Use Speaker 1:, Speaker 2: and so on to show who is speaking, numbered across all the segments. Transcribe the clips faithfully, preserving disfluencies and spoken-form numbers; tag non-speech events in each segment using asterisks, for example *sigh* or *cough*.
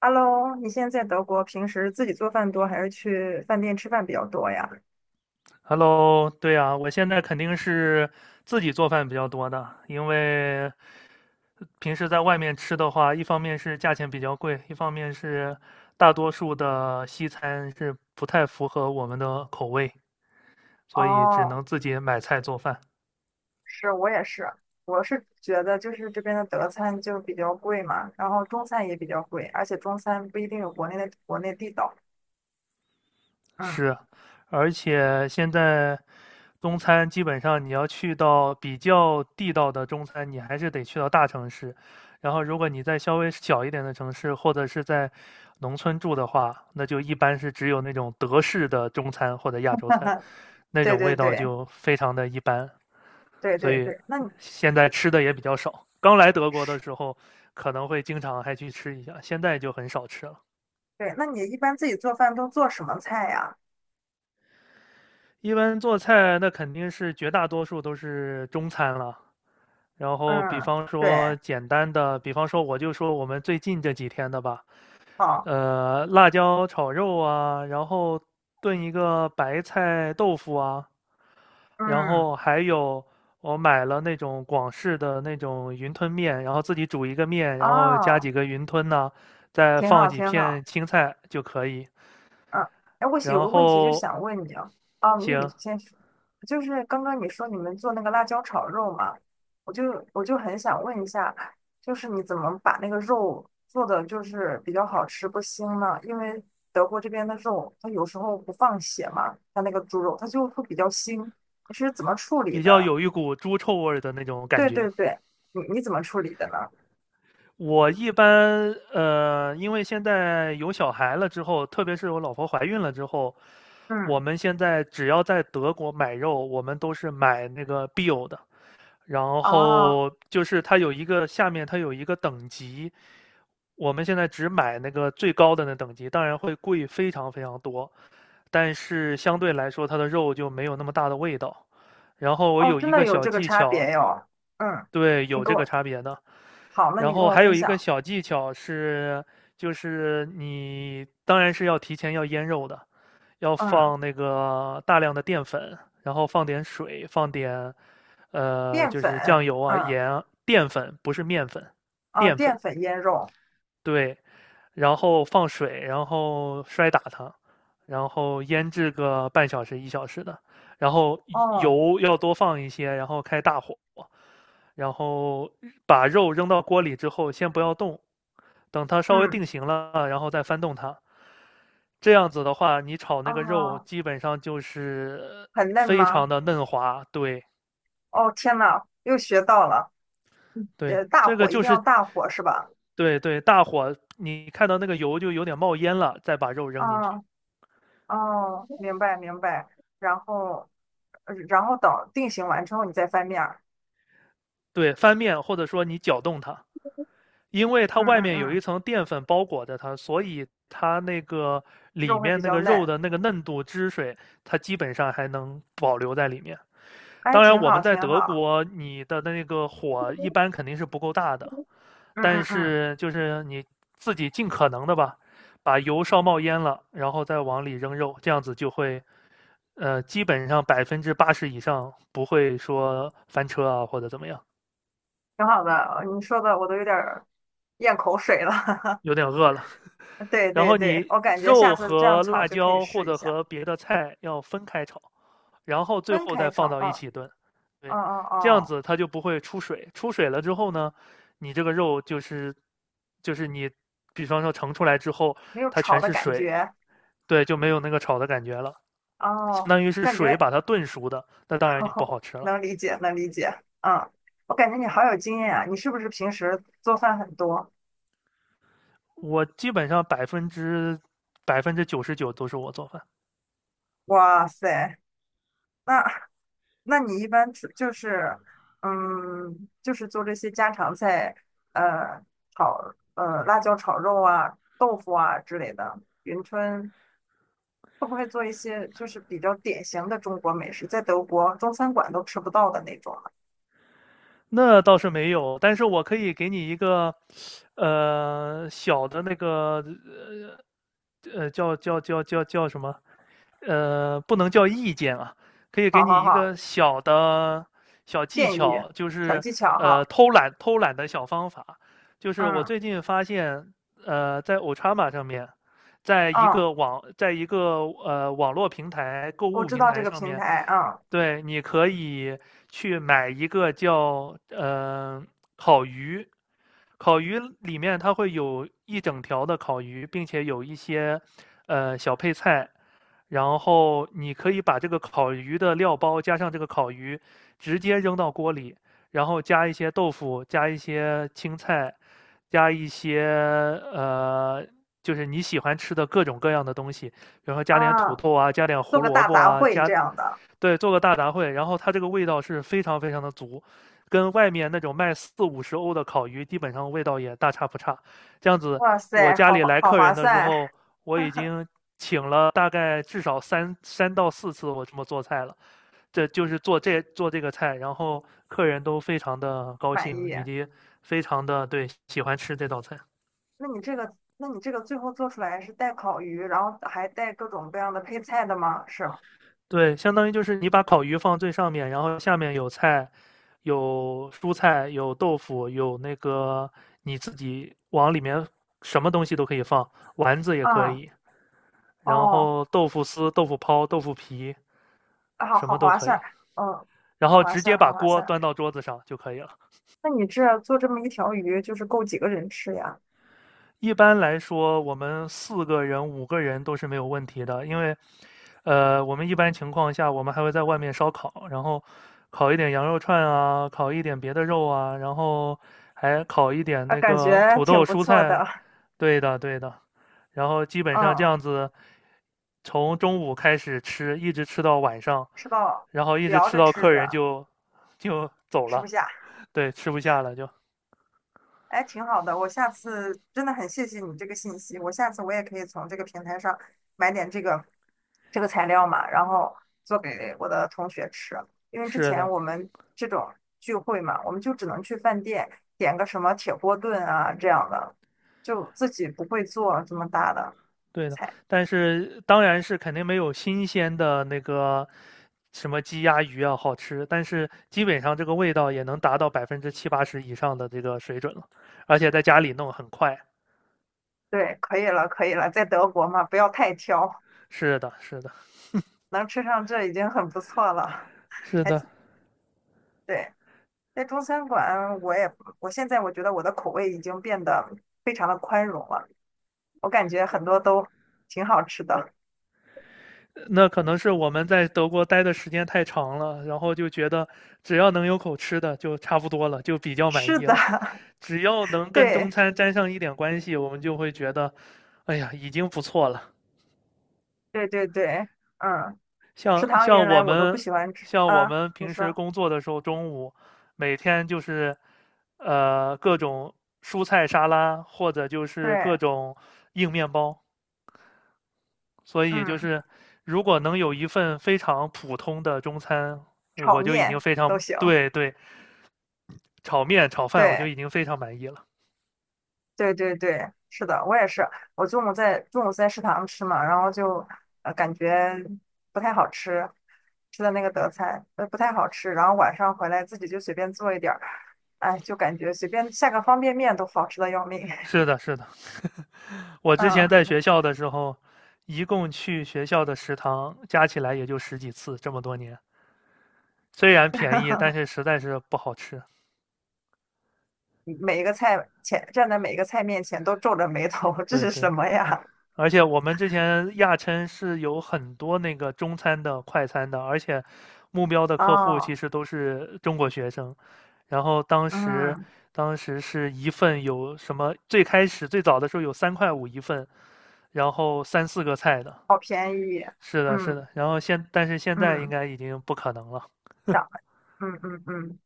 Speaker 1: Hello，你现在在德国，平时自己做饭多还是去饭店吃饭比较多呀？
Speaker 2: Hello，对啊，我现在肯定是自己做饭比较多的，因为平时在外面吃的话，一方面是价钱比较贵，一方面是大多数的西餐是不太符合我们的口味，所以只
Speaker 1: 哦，
Speaker 2: 能自己买菜做饭。
Speaker 1: 是我也是，我是觉得就是这边的德餐就比较贵嘛，然后中餐也比较贵，而且中餐不一定有国内的国内地道。嗯，
Speaker 2: 是，而且现在中餐基本上你要去到比较地道的中餐，你还是得去到大城市。然后，如果你在稍微小一点的城市，或者是在农村住的话，那就一般是只有那种德式的中餐或者亚洲餐，
Speaker 1: *laughs*
Speaker 2: 那
Speaker 1: 对
Speaker 2: 种
Speaker 1: 对
Speaker 2: 味道
Speaker 1: 对
Speaker 2: 就非常的一般。
Speaker 1: 对
Speaker 2: 所
Speaker 1: 对
Speaker 2: 以
Speaker 1: 对，那你
Speaker 2: 现在吃的也比较少。刚来德国的时候，可能会经常还去吃一下，现在就很少吃了。
Speaker 1: 对，那你一般自己做饭都做什么菜呀？
Speaker 2: 一般做菜，那肯定是绝大多数都是中餐了。然后，比
Speaker 1: 嗯，
Speaker 2: 方说
Speaker 1: 对，
Speaker 2: 简单的，比方说我就说我们最近这几天的吧，
Speaker 1: 好，
Speaker 2: 呃，辣椒炒肉啊，然后炖一个白菜豆腐啊，然
Speaker 1: 嗯，
Speaker 2: 后还有我买了那种广式的那种云吞面，然后自己煮一个面，然后加
Speaker 1: 哦，
Speaker 2: 几个云吞呐、再
Speaker 1: 挺
Speaker 2: 放
Speaker 1: 好
Speaker 2: 几
Speaker 1: 挺
Speaker 2: 片
Speaker 1: 好。
Speaker 2: 青菜就可以。
Speaker 1: 嗯，哎，我有
Speaker 2: 然
Speaker 1: 个问题就
Speaker 2: 后，
Speaker 1: 想问你啊，啊，你
Speaker 2: 行，
Speaker 1: 先说，就是刚刚你说你们做那个辣椒炒肉嘛，我就我就很想问一下，就是你怎么把那个肉做的就是比较好吃不腥呢？因为德国这边的肉，它有时候不放血嘛，它那个猪肉它就会比较腥，你是怎么处理
Speaker 2: 比较
Speaker 1: 的？
Speaker 2: 有一股猪臭味儿的那种感
Speaker 1: 对
Speaker 2: 觉。
Speaker 1: 对对，你你怎么处理的呢？
Speaker 2: 我一般呃，因为现在有小孩了之后，特别是我老婆怀孕了之后，我
Speaker 1: 嗯，
Speaker 2: 们现在只要在德国买肉，我们都是买那个 Bio 的，然
Speaker 1: 哦
Speaker 2: 后就是它有一个下面它有一个等级，我们现在只买那个最高的那等级，当然会贵非常非常多，但是相对来说它的肉就没有那么大的味道。然后我
Speaker 1: 哦，
Speaker 2: 有
Speaker 1: 真
Speaker 2: 一
Speaker 1: 的
Speaker 2: 个
Speaker 1: 有
Speaker 2: 小
Speaker 1: 这个
Speaker 2: 技
Speaker 1: 差
Speaker 2: 巧，
Speaker 1: 别哟，嗯，
Speaker 2: 对，
Speaker 1: 你
Speaker 2: 有
Speaker 1: 给
Speaker 2: 这个
Speaker 1: 我，
Speaker 2: 差别的。
Speaker 1: 好，那
Speaker 2: 然
Speaker 1: 你跟
Speaker 2: 后
Speaker 1: 我
Speaker 2: 还有
Speaker 1: 分
Speaker 2: 一个
Speaker 1: 享。
Speaker 2: 小技巧是，就是你当然是要提前要腌肉的，要
Speaker 1: 嗯。
Speaker 2: 放那个大量的淀粉，然后放点水，放点呃
Speaker 1: 淀
Speaker 2: 就
Speaker 1: 粉，
Speaker 2: 是酱油啊、
Speaker 1: 嗯，
Speaker 2: 盐啊淀粉，不是面粉，
Speaker 1: 哦，
Speaker 2: 淀
Speaker 1: 淀
Speaker 2: 粉
Speaker 1: 粉腌肉，
Speaker 2: 对，然后放水，然后摔打它，然后腌制个半小时一小时的，然后
Speaker 1: 哦，
Speaker 2: 油要多放一些，然后开大火，然后把肉扔到锅里之后，先不要动，等它稍微
Speaker 1: 嗯，
Speaker 2: 定型了，然后再翻动它。这样子的话，你炒那个肉
Speaker 1: 哦，
Speaker 2: 基本上就是
Speaker 1: 很嫩
Speaker 2: 非
Speaker 1: 吗？
Speaker 2: 常的嫩滑。对
Speaker 1: 哦，天呐，又学到了，嗯
Speaker 2: 对，
Speaker 1: 呃，大
Speaker 2: 这个
Speaker 1: 火一定
Speaker 2: 就
Speaker 1: 要
Speaker 2: 是
Speaker 1: 大火是吧？
Speaker 2: 对对，大火你看到那个油就有点冒烟了，再把肉扔进去。
Speaker 1: 哦，哦，明白明白，然后，呃然后等定型完之后你再翻面儿，
Speaker 2: 对，翻面或者说你搅动它。因为它
Speaker 1: 嗯
Speaker 2: 外
Speaker 1: 嗯
Speaker 2: 面有
Speaker 1: 嗯，
Speaker 2: 一层淀粉包裹着它，所以它那个里
Speaker 1: 肉会
Speaker 2: 面
Speaker 1: 比
Speaker 2: 那
Speaker 1: 较
Speaker 2: 个肉
Speaker 1: 嫩，
Speaker 2: 的那个嫩度、汁水，它基本上还能保留在里面。
Speaker 1: 哎，
Speaker 2: 当然，
Speaker 1: 挺
Speaker 2: 我
Speaker 1: 好
Speaker 2: 们在
Speaker 1: 挺
Speaker 2: 德
Speaker 1: 好，
Speaker 2: 国，你的那个火一般肯定是不够大的，
Speaker 1: 嗯
Speaker 2: 但
Speaker 1: 嗯嗯，
Speaker 2: 是就是你自己尽可能的吧，把油烧冒烟了，然后再往里扔肉，这样子就会，呃，基本上百分之八十以上不会说翻车啊或者怎么样。
Speaker 1: 挺好的，你说的我都有点儿咽口水了，
Speaker 2: 有点饿了。
Speaker 1: *laughs* 对
Speaker 2: 然
Speaker 1: 对
Speaker 2: 后
Speaker 1: 对，
Speaker 2: 你
Speaker 1: 我感觉下
Speaker 2: 肉
Speaker 1: 次这样
Speaker 2: 和
Speaker 1: 炒
Speaker 2: 辣
Speaker 1: 就可以
Speaker 2: 椒或
Speaker 1: 试一
Speaker 2: 者
Speaker 1: 下，
Speaker 2: 和别的菜要分开炒，然后最
Speaker 1: 分
Speaker 2: 后
Speaker 1: 开
Speaker 2: 再放
Speaker 1: 炒，
Speaker 2: 到一
Speaker 1: 嗯。
Speaker 2: 起炖。
Speaker 1: 哦
Speaker 2: 对，
Speaker 1: 哦
Speaker 2: 这样
Speaker 1: 哦，
Speaker 2: 子它就不会出水。出水了之后呢，你这个肉就是就是你，比方说盛出来之后，
Speaker 1: 没有
Speaker 2: 它
Speaker 1: 炒
Speaker 2: 全
Speaker 1: 的
Speaker 2: 是
Speaker 1: 感
Speaker 2: 水，
Speaker 1: 觉，
Speaker 2: 对，就没有那个炒的感觉了，相
Speaker 1: 哦，
Speaker 2: 当于是
Speaker 1: 感
Speaker 2: 水
Speaker 1: 觉
Speaker 2: 把它炖熟的，那当
Speaker 1: *laughs*，
Speaker 2: 然就不
Speaker 1: 哦，
Speaker 2: 好吃了。
Speaker 1: 能理解，能理解，嗯，我感觉你好有经验啊，你是不是平时做饭很多？
Speaker 2: 我基本上百分之百分之九十九都是我做饭。
Speaker 1: 哇塞，那那你一般出就是，嗯，就是做这些家常菜，呃，炒呃辣椒炒肉啊、豆腐啊之类的，云吞会不会做一些就是比较典型的中国美食，在德国中餐馆都吃不到的那种呢
Speaker 2: 那倒是没有，但是我可以给你一个，呃，小的那个呃呃，叫叫叫叫叫什么？呃，不能叫意见啊，可以给
Speaker 1: 好好
Speaker 2: 你一
Speaker 1: 好。
Speaker 2: 个小的小技
Speaker 1: 建议、
Speaker 2: 巧，就
Speaker 1: 小
Speaker 2: 是
Speaker 1: 技巧哈。
Speaker 2: 呃偷懒偷懒的小方法。就是我
Speaker 1: 嗯
Speaker 2: 最近发现，呃，在 Ochama 上面，在一
Speaker 1: 嗯，
Speaker 2: 个网，在一个呃网络平台、购
Speaker 1: 我
Speaker 2: 物
Speaker 1: 知
Speaker 2: 平
Speaker 1: 道这
Speaker 2: 台
Speaker 1: 个
Speaker 2: 上
Speaker 1: 平
Speaker 2: 面，
Speaker 1: 台，嗯
Speaker 2: 对，你可以去买一个叫呃烤鱼，烤鱼里面它会有一整条的烤鱼，并且有一些呃小配菜，然后你可以把这个烤鱼的料包加上这个烤鱼，直接扔到锅里，然后加一些豆腐，加一些青菜，加一些呃就是你喜欢吃的各种各样的东西，比如说加点土
Speaker 1: 啊，
Speaker 2: 豆啊，加点
Speaker 1: 做
Speaker 2: 胡
Speaker 1: 个
Speaker 2: 萝
Speaker 1: 大
Speaker 2: 卜
Speaker 1: 杂
Speaker 2: 啊，
Speaker 1: 烩
Speaker 2: 加
Speaker 1: 这样的。
Speaker 2: 对，做个大杂烩，然后它这个味道是非常非常的足，跟外面那种卖四五十欧的烤鱼基本上味道也大差不差。这样子，
Speaker 1: 哇
Speaker 2: 我
Speaker 1: 塞，
Speaker 2: 家
Speaker 1: 好
Speaker 2: 里
Speaker 1: 划
Speaker 2: 来
Speaker 1: 好
Speaker 2: 客
Speaker 1: 划
Speaker 2: 人的时
Speaker 1: 算，
Speaker 2: 候，我已经请了大概至少三三到四次我这么做菜了，这就是做这做这个菜，然后客人都非常的高
Speaker 1: 满
Speaker 2: 兴，
Speaker 1: 意。
Speaker 2: 以及非常的对喜欢吃这道菜。
Speaker 1: 那你这个，那你这个最后做出来是带烤鱼，然后还带各种各样的配菜的吗？是吗？
Speaker 2: 对，相当于就是你把烤鱼放最上面，然后下面有菜，有蔬菜，有豆腐，有那个你自己往里面什么东西都可以放，丸子也可
Speaker 1: 嗯
Speaker 2: 以，然
Speaker 1: 哦，
Speaker 2: 后豆腐丝、豆腐泡、豆腐皮，
Speaker 1: 啊好
Speaker 2: 什么
Speaker 1: 好
Speaker 2: 都
Speaker 1: 划
Speaker 2: 可
Speaker 1: 算，
Speaker 2: 以，
Speaker 1: 嗯，
Speaker 2: 然
Speaker 1: 好
Speaker 2: 后
Speaker 1: 划
Speaker 2: 直接
Speaker 1: 算，好
Speaker 2: 把
Speaker 1: 划
Speaker 2: 锅
Speaker 1: 算。
Speaker 2: 端到桌子上就可以了。
Speaker 1: 那你这做这么一条鱼，就是够几个人吃呀？
Speaker 2: 一般来说，我们四个人、五个人都是没有问题的，因为，呃，我们一般情况下，我们还会在外面烧烤，然后烤一点羊肉串啊，烤一点别的肉啊，然后还烤一点
Speaker 1: 啊，
Speaker 2: 那
Speaker 1: 感
Speaker 2: 个
Speaker 1: 觉
Speaker 2: 土
Speaker 1: 挺
Speaker 2: 豆、
Speaker 1: 不
Speaker 2: 蔬
Speaker 1: 错
Speaker 2: 菜。
Speaker 1: 的。
Speaker 2: 对的，对的。然后基本上这
Speaker 1: 嗯，
Speaker 2: 样子，从中午开始吃，一直吃到晚上，
Speaker 1: 吃到
Speaker 2: 然后一直
Speaker 1: 聊
Speaker 2: 吃
Speaker 1: 着
Speaker 2: 到
Speaker 1: 吃
Speaker 2: 客人
Speaker 1: 着
Speaker 2: 就就走
Speaker 1: 吃不
Speaker 2: 了，
Speaker 1: 下。
Speaker 2: 对，吃不下了就。
Speaker 1: 哎，挺好的，我下次真的很谢谢你这个信息，我下次我也可以从这个平台上买点这个这个材料嘛，然后做给我的同学吃。因为之
Speaker 2: 是
Speaker 1: 前
Speaker 2: 的，
Speaker 1: 我们这种聚会嘛，我们就只能去饭店点个什么铁锅炖啊这样的，就自己不会做这么大的
Speaker 2: 对的，
Speaker 1: 菜。
Speaker 2: 但是当然是肯定没有新鲜的那个什么鸡鸭鱼啊好吃，但是基本上这个味道也能达到百分之七八十以上的这个水准了，而且在家里弄很快。
Speaker 1: 对，可以了，可以了，在德国嘛，不要太挑，
Speaker 2: 是的，是的，
Speaker 1: 能吃上这已经很不错了，
Speaker 2: 是
Speaker 1: 还
Speaker 2: 的，
Speaker 1: 挺对。在中餐馆，我也我现在我觉得我的口味已经变得非常的宽容了，我感觉很多都挺好吃的。
Speaker 2: 那可能是我们在德国待的时间太长了，然后就觉得只要能有口吃的就差不多了，就比
Speaker 1: *laughs*
Speaker 2: 较满
Speaker 1: 是
Speaker 2: 意
Speaker 1: 的，
Speaker 2: 了。
Speaker 1: *laughs*
Speaker 2: 只要能跟
Speaker 1: 对
Speaker 2: 中餐沾上一点关系，我们就会觉得，哎呀，已经不错了。
Speaker 1: 对对对，嗯，食
Speaker 2: 像
Speaker 1: 堂
Speaker 2: 像
Speaker 1: 原来
Speaker 2: 我
Speaker 1: 我都不
Speaker 2: 们
Speaker 1: 喜欢吃
Speaker 2: 像我
Speaker 1: 啊，
Speaker 2: 们
Speaker 1: 你
Speaker 2: 平时
Speaker 1: 说
Speaker 2: 工作的时候，中午每天就是呃各种蔬菜沙拉，或者就是各
Speaker 1: 对，
Speaker 2: 种硬面包。所以就
Speaker 1: 嗯，
Speaker 2: 是如果能有一份非常普通的中餐，呃
Speaker 1: 炒
Speaker 2: 我就已经
Speaker 1: 面
Speaker 2: 非
Speaker 1: 都
Speaker 2: 常
Speaker 1: 行，
Speaker 2: 对对，炒面炒饭我就
Speaker 1: 对。
Speaker 2: 已经非常满意了。
Speaker 1: 对对对，是的，我也是。我中午在中午在食堂吃嘛，然后就呃感觉不太好吃，吃的那个德菜呃不太好吃，然后晚上回来自己就随便做一点儿，哎，就感觉随便下个方便面都好吃的要命。
Speaker 2: 是
Speaker 1: *laughs*
Speaker 2: 的，是的，我之
Speaker 1: 嗯，
Speaker 2: 前在学校的时候，一共去学校的食堂加起来也就十几次，这么多年，虽然便宜，但是
Speaker 1: *laughs*
Speaker 2: 实在是不好吃。
Speaker 1: 每一个菜前站在每一个菜面前都皱着眉头，这
Speaker 2: 对
Speaker 1: 是什
Speaker 2: 对，
Speaker 1: 么呀？
Speaker 2: 而且我们之前亚琛是有很多那个中餐的、快餐的，而且目标的客户其
Speaker 1: 哦，
Speaker 2: 实都是中国学生。然后当时，
Speaker 1: 嗯，
Speaker 2: 当时是一份有什么？最开始最早的时候有三块五一份，然后三四个菜的。
Speaker 1: 好便宜，
Speaker 2: 是的，是
Speaker 1: 嗯
Speaker 2: 的。然后现，但是现在应
Speaker 1: 嗯，
Speaker 2: 该已经不可能了。
Speaker 1: 涨，嗯嗯嗯。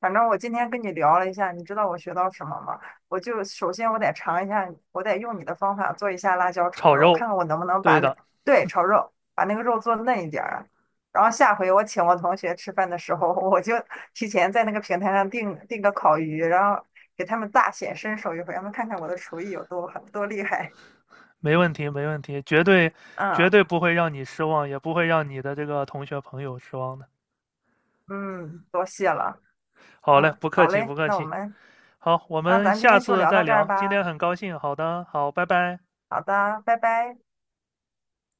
Speaker 1: 反正我今天跟你聊了一下，你知道我学到什么吗？我就首先我得尝一下，我得用你的方法做一下辣椒炒
Speaker 2: 炒
Speaker 1: 肉，看
Speaker 2: 肉，
Speaker 1: 看我能不能把
Speaker 2: 对
Speaker 1: 那，
Speaker 2: 的，
Speaker 1: 对，炒肉，把那个肉做嫩一点儿。然后下回我请我同学吃饭的时候，我就提前在那个平台上订订个烤鱼，然后给他们大显身手一回，让他们看看我的厨艺有多狠多厉害。
Speaker 2: 没问题，没问题，绝对
Speaker 1: 嗯
Speaker 2: 绝对不会让你失望，也不会让你的这个同学朋友失望的。
Speaker 1: 嗯，多谢了。
Speaker 2: 好嘞，
Speaker 1: 嗯，
Speaker 2: 不客
Speaker 1: 好
Speaker 2: 气，
Speaker 1: 嘞，
Speaker 2: 不客
Speaker 1: 那我
Speaker 2: 气。
Speaker 1: 们
Speaker 2: 好，我
Speaker 1: 那
Speaker 2: 们
Speaker 1: 咱今
Speaker 2: 下
Speaker 1: 天就
Speaker 2: 次
Speaker 1: 聊
Speaker 2: 再
Speaker 1: 到这儿
Speaker 2: 聊。今天
Speaker 1: 吧。
Speaker 2: 很高兴，好的，好，拜拜。
Speaker 1: 好的，拜拜。